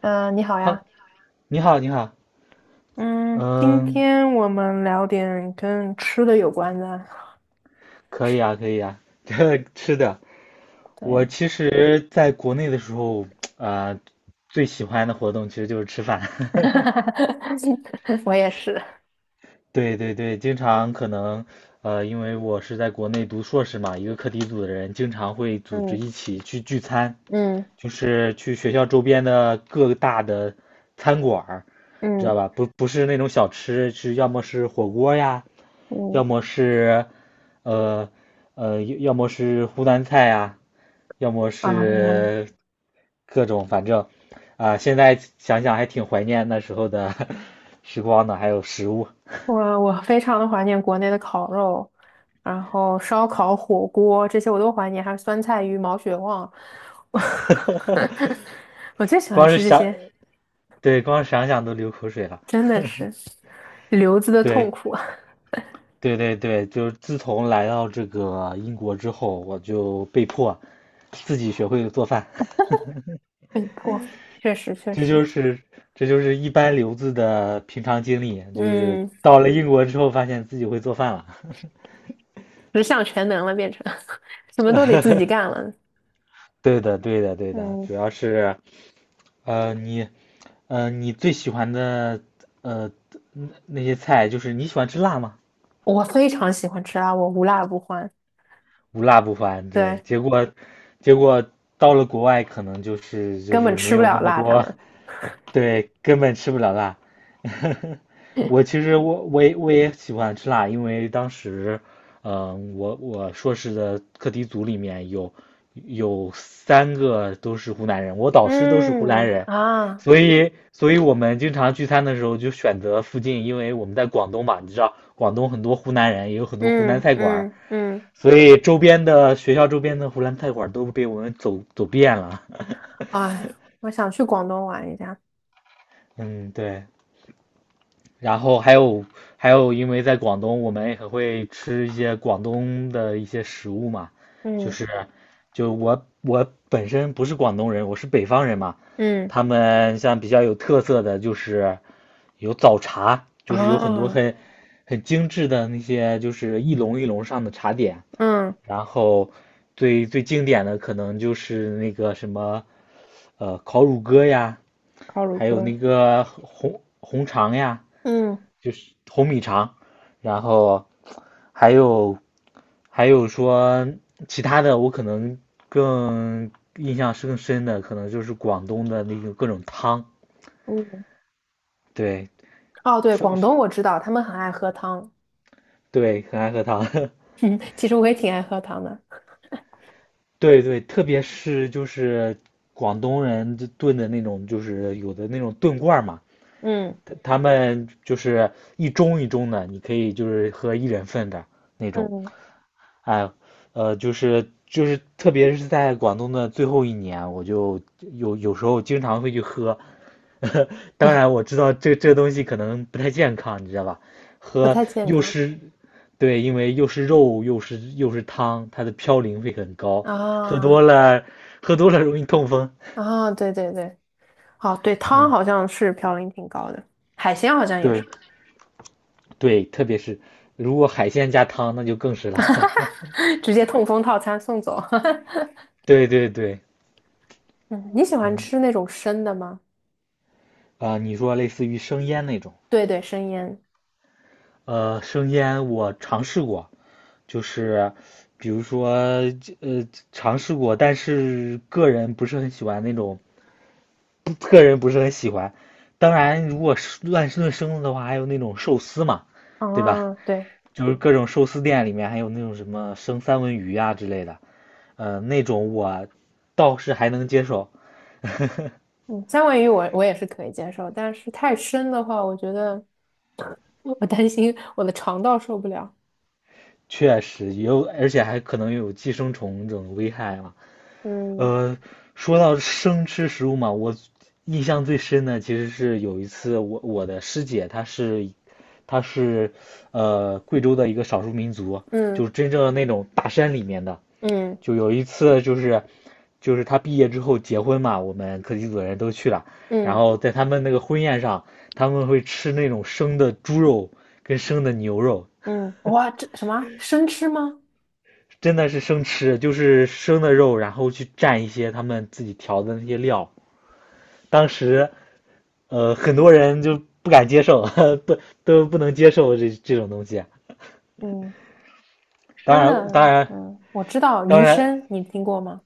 嗯，你好好，呀。你好，你好，嗯，今嗯，天我们聊点跟吃的有关的。可以啊，可以啊。这吃的，我对，其实在国内的时候，呃，最喜欢的活动其实就是吃饭。我也是。对对对，经常可能，因为我是在国内读硕士嘛，一个课题组的人经常会组织嗯一起去聚餐，嗯就是去学校周边的各大的餐馆儿，知道嗯吧？不是那种小吃，是要么是火锅呀，嗯要么是，呃要么是湖南菜呀，要么啊，是各种，反正啊，现在想想还挺怀念那时候的 时光的，还有食物。我非常的怀念国内的烤肉，然后烧烤、火锅这些我都怀念，还有酸菜鱼、毛血旺。我最喜欢光是吃这想，些，对，光想想都流口水了。真的是留子的痛对，苦啊。对对对，就是自从来到这个英国之后，我就被迫自己学会了做饭，被迫，确实确这实，就是这就是一般留子的平常经历，就是嗯。到了英国之后，发现自己会做饭了。十项全能了，变成 什么都得自己干了。对的，对的，对的，嗯，主要是呃，你你最喜欢的呃那些菜，就是你喜欢吃辣吗？我非常喜欢吃辣，我无辣不欢。无辣不欢，对，对，结果到了国外可能就是根本吃没不有那了么辣，他多，们。对，根本吃不了辣。我 其实我我也我也喜欢吃辣，因为当时，我硕士的课题组里面有三个都是湖南人，我导师都是湖南嗯人，啊，所以我们经常聚餐的时候就选择附近，因为我们在广东嘛，你知道广东很多湖南人，也有很多湖南嗯菜馆儿，嗯嗯。所以周边的学校周边的湖南菜馆儿都被我们走遍了。哎，我想去广东玩一下。嗯，对。然后还有，因为在广东，我们也很会吃一些广东的一些食物嘛，就嗯是就我本身不是广东人，我是北方人嘛，嗯他们像比较有特色的就是有早茶，就是有很多啊很精致的那些就是一笼一笼上的茶点，嗯，然后最最经典的可能就是那个什么烤乳鸽呀，烤乳还有鸽。那个红肠呀。嗯就是红米肠，然后还有还有说其他的，我可能更，印象是更深的，可能就是广东的那种各种汤，嗯，对，哦，对，说广是，东我知道，他们很爱喝汤。对，很爱喝汤，嗯，其实我也挺爱喝汤的。对对，特别是就是广东人就炖的那种，就是有的那种炖罐儿嘛，嗯他们就是一盅一盅的，你可以就是喝一人份的那种，嗯。哎，就是，特别是在广东的最后一年，我就有时候经常会去喝。当然，我知道这东西可能不太健康，你知道吧？不喝太健又康。是，对，因为又是肉又是汤，它的嘌呤会很高，喝多啊了喝多了容易痛风。啊，对对对。哦，对，汤嗯，好像是嘌呤挺高的，海鲜好像也对是。对，特别是如果海鲜加汤，那就更是了。直接痛风套餐送走。对对对，嗯，你喜欢嗯吃那种生的吗？啊，你说类似于生腌那种。对对，生腌。生腌我尝试过，就是比如说尝试过，但是个人不是很喜欢那种，个人不是很喜欢。当然，如果是乱炖生的的话，还有那种寿司嘛，对吧？啊，对。就是各种寿司店里面还有那种什么生三文鱼啊之类的，那种我倒是还能接受，嗯，三文鱼我也是可以接受，但是太生的话，我觉得我担心我的肠道受不了。确实有，而且还可能有寄生虫这种危害嘛。嗯呃，说到生吃食物嘛，我印象最深的其实是有一次我的师姐她是贵州的一个少数民族，就嗯是真正的那种大山里面的。嗯就有一次就是她毕业之后结婚嘛，我们课题组的人都去了，然嗯后在他们那个婚宴上，他们会吃那种生的猪肉跟生的牛肉，嗯，哇，这什么生吃吗？真的是生吃，就是生的肉，然后去蘸一些他们自己调的那些料。当时很多人就不敢接受，都都不能接受这种东西啊。嗯，当生的。然，当然，嗯，我知道当鱼然，生，你听过吗？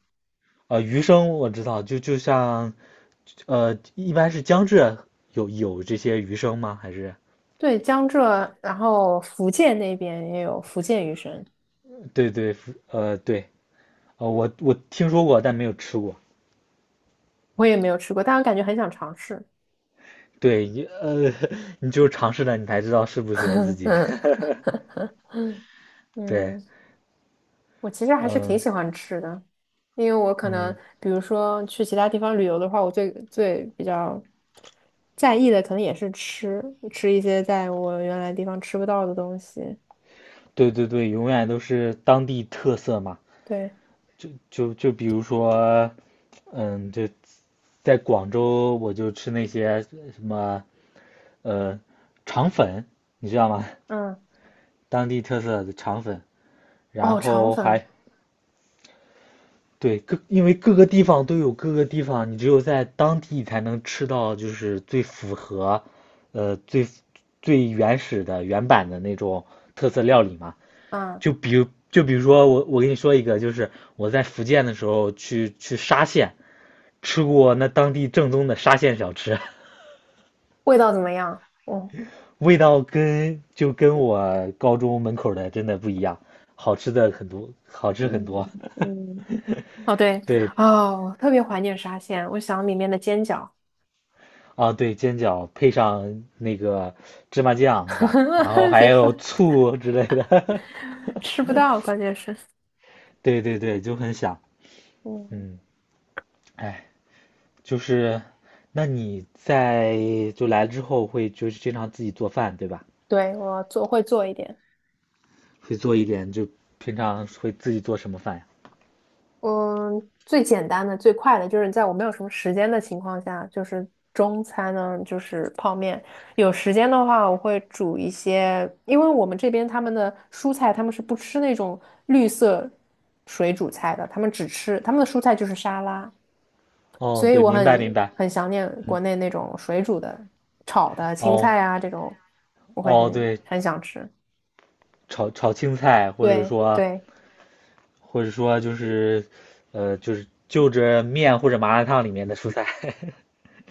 鱼生我知道，就像，一般是江浙有这些鱼生吗？还是，对，江浙，然后福建那边也有福建鱼生。对对，对，我听说过，但没有吃过。我也没有吃过，但我感觉很想尝试。对，你就有尝试了，你才知道适不适合自 己。嗯对，嗯，我其实还是挺嗯喜欢吃的，因为我可能嗯，比如说去其他地方旅游的话，我最最比较在意的可能也是吃，吃一些在我原来地方吃不到的东西。对对对，永远都是当地特色嘛。对。就比如说，嗯，就。在广州我就吃那些什么呃肠粉，你知道吗？嗯。当地特色的肠粉，然哦，肠后粉。还，对，各，因为各个地方都有各个地方，你只有在当地才能吃到就是最符合最最原始的原版的那种特色料理嘛。嗯，就比如说我跟你说一个，就是我在福建的时候去沙县吃过那当地正宗的沙县小吃。味道怎么样？哦。味道跟，就跟我高中门口的真的不一样，好吃的很多，好吃很多。嗯嗯。哦对。对，哦，我特别怀念沙县，我想里面的煎饺。啊，对，煎饺配上那个芝麻酱是吧？然后 还别说有醋之类的，吃不到，关键是，对对对，就很想，嗯。嗯，哎，就是，那你在，就来了之后会就是经常自己做饭对吧？对，我做会做一点。会做一点，就平常会自己做什么饭呀？嗯，最简单的、最快的就是在我没有什么时间的情况下，就是中餐呢，就是泡面。有时间的话，我会煮一些，因为我们这边他们的蔬菜，他们是不吃那种绿色水煮菜的，他们只吃他们的蔬菜就是沙拉，所哦，以对，我明白明很白。很想念国内那种水煮的、炒的青哦菜啊这种，我会哦，很对，很想吃。炒青菜，或者对说对。或者说就是就着面或者麻辣烫里面的蔬菜。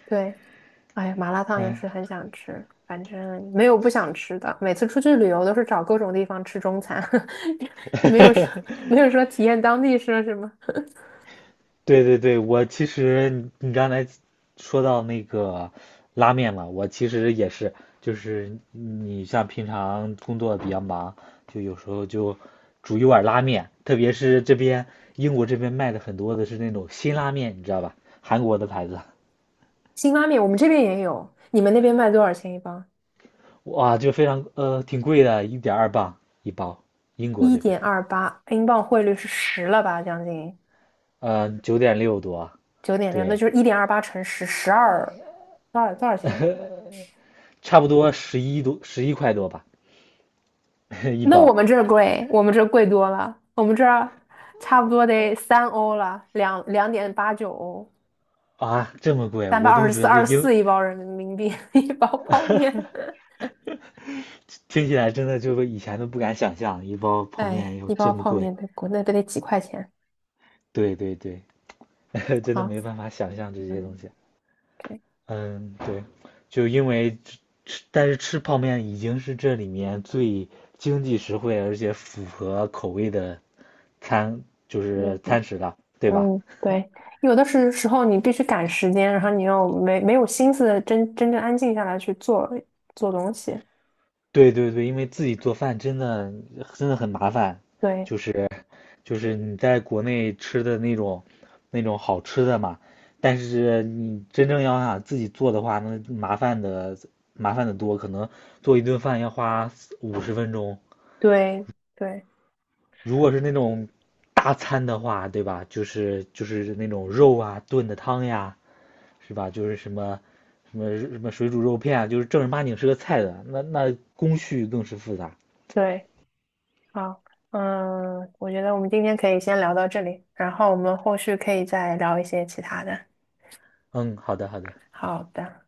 对，哎呀，麻辣烫也嗯，是很想吃，反正没有不想吃的。每次出去旅游都是找各种地方吃中餐。没有说没有说体验当地说什么。对对对，我其实你刚才说到那个拉面嘛，我其实也是，就是你像平常工作比较忙，就有时候就煮一碗拉面，特别是这边英国这边卖的很多的是那种辛拉面，你知道吧？韩国的牌子，辛拉面我们这边也有，你们那边卖多少钱一磅？哇，就非常挺贵的，1.2磅一包，英国一这边，点二八，英镑汇率是十了吧？将近9.6多，9.6，那对，就是一点二八乘十，12，多少钱？差不多11多，11块多吧，一那我包，们这儿贵，我们这儿贵多了，我们这儿差不多得3欧了，两点八九欧。啊，这么贵，三百我二都十四，觉得，二十四一包人民币，一包泡面。听起来真的就是以前都不敢想象，一包泡哎，面要一这包么泡贵。面在国内都得几块钱。对对对，真的啊。没办法想象这些嗯，东西。对。嗯，对，就因为吃，但是吃泡面已经是这里面最经济实惠，而且符合口味的餐，就嗯是餐食了，对吧？嗯，对，有的时候你必须赶时间，然后你又没有心思真正安静下来去做东西。对对对，因为自己做饭真的真的很麻烦，对就是就是你在国内吃的那种好吃的嘛，但是你真正要想自己做的话，那麻烦的多，可能做一顿饭要花50分钟。对对如果是那种大餐的话，对吧？就是那种肉啊炖的汤呀，是吧？就是什么什么什么水煮肉片啊，就是正儿八经是个菜的，那工序更是复杂。对，好，嗯，我觉得我们今天可以先聊到这里，然后我们后续可以再聊一些其他的。嗯，好的好的。好的。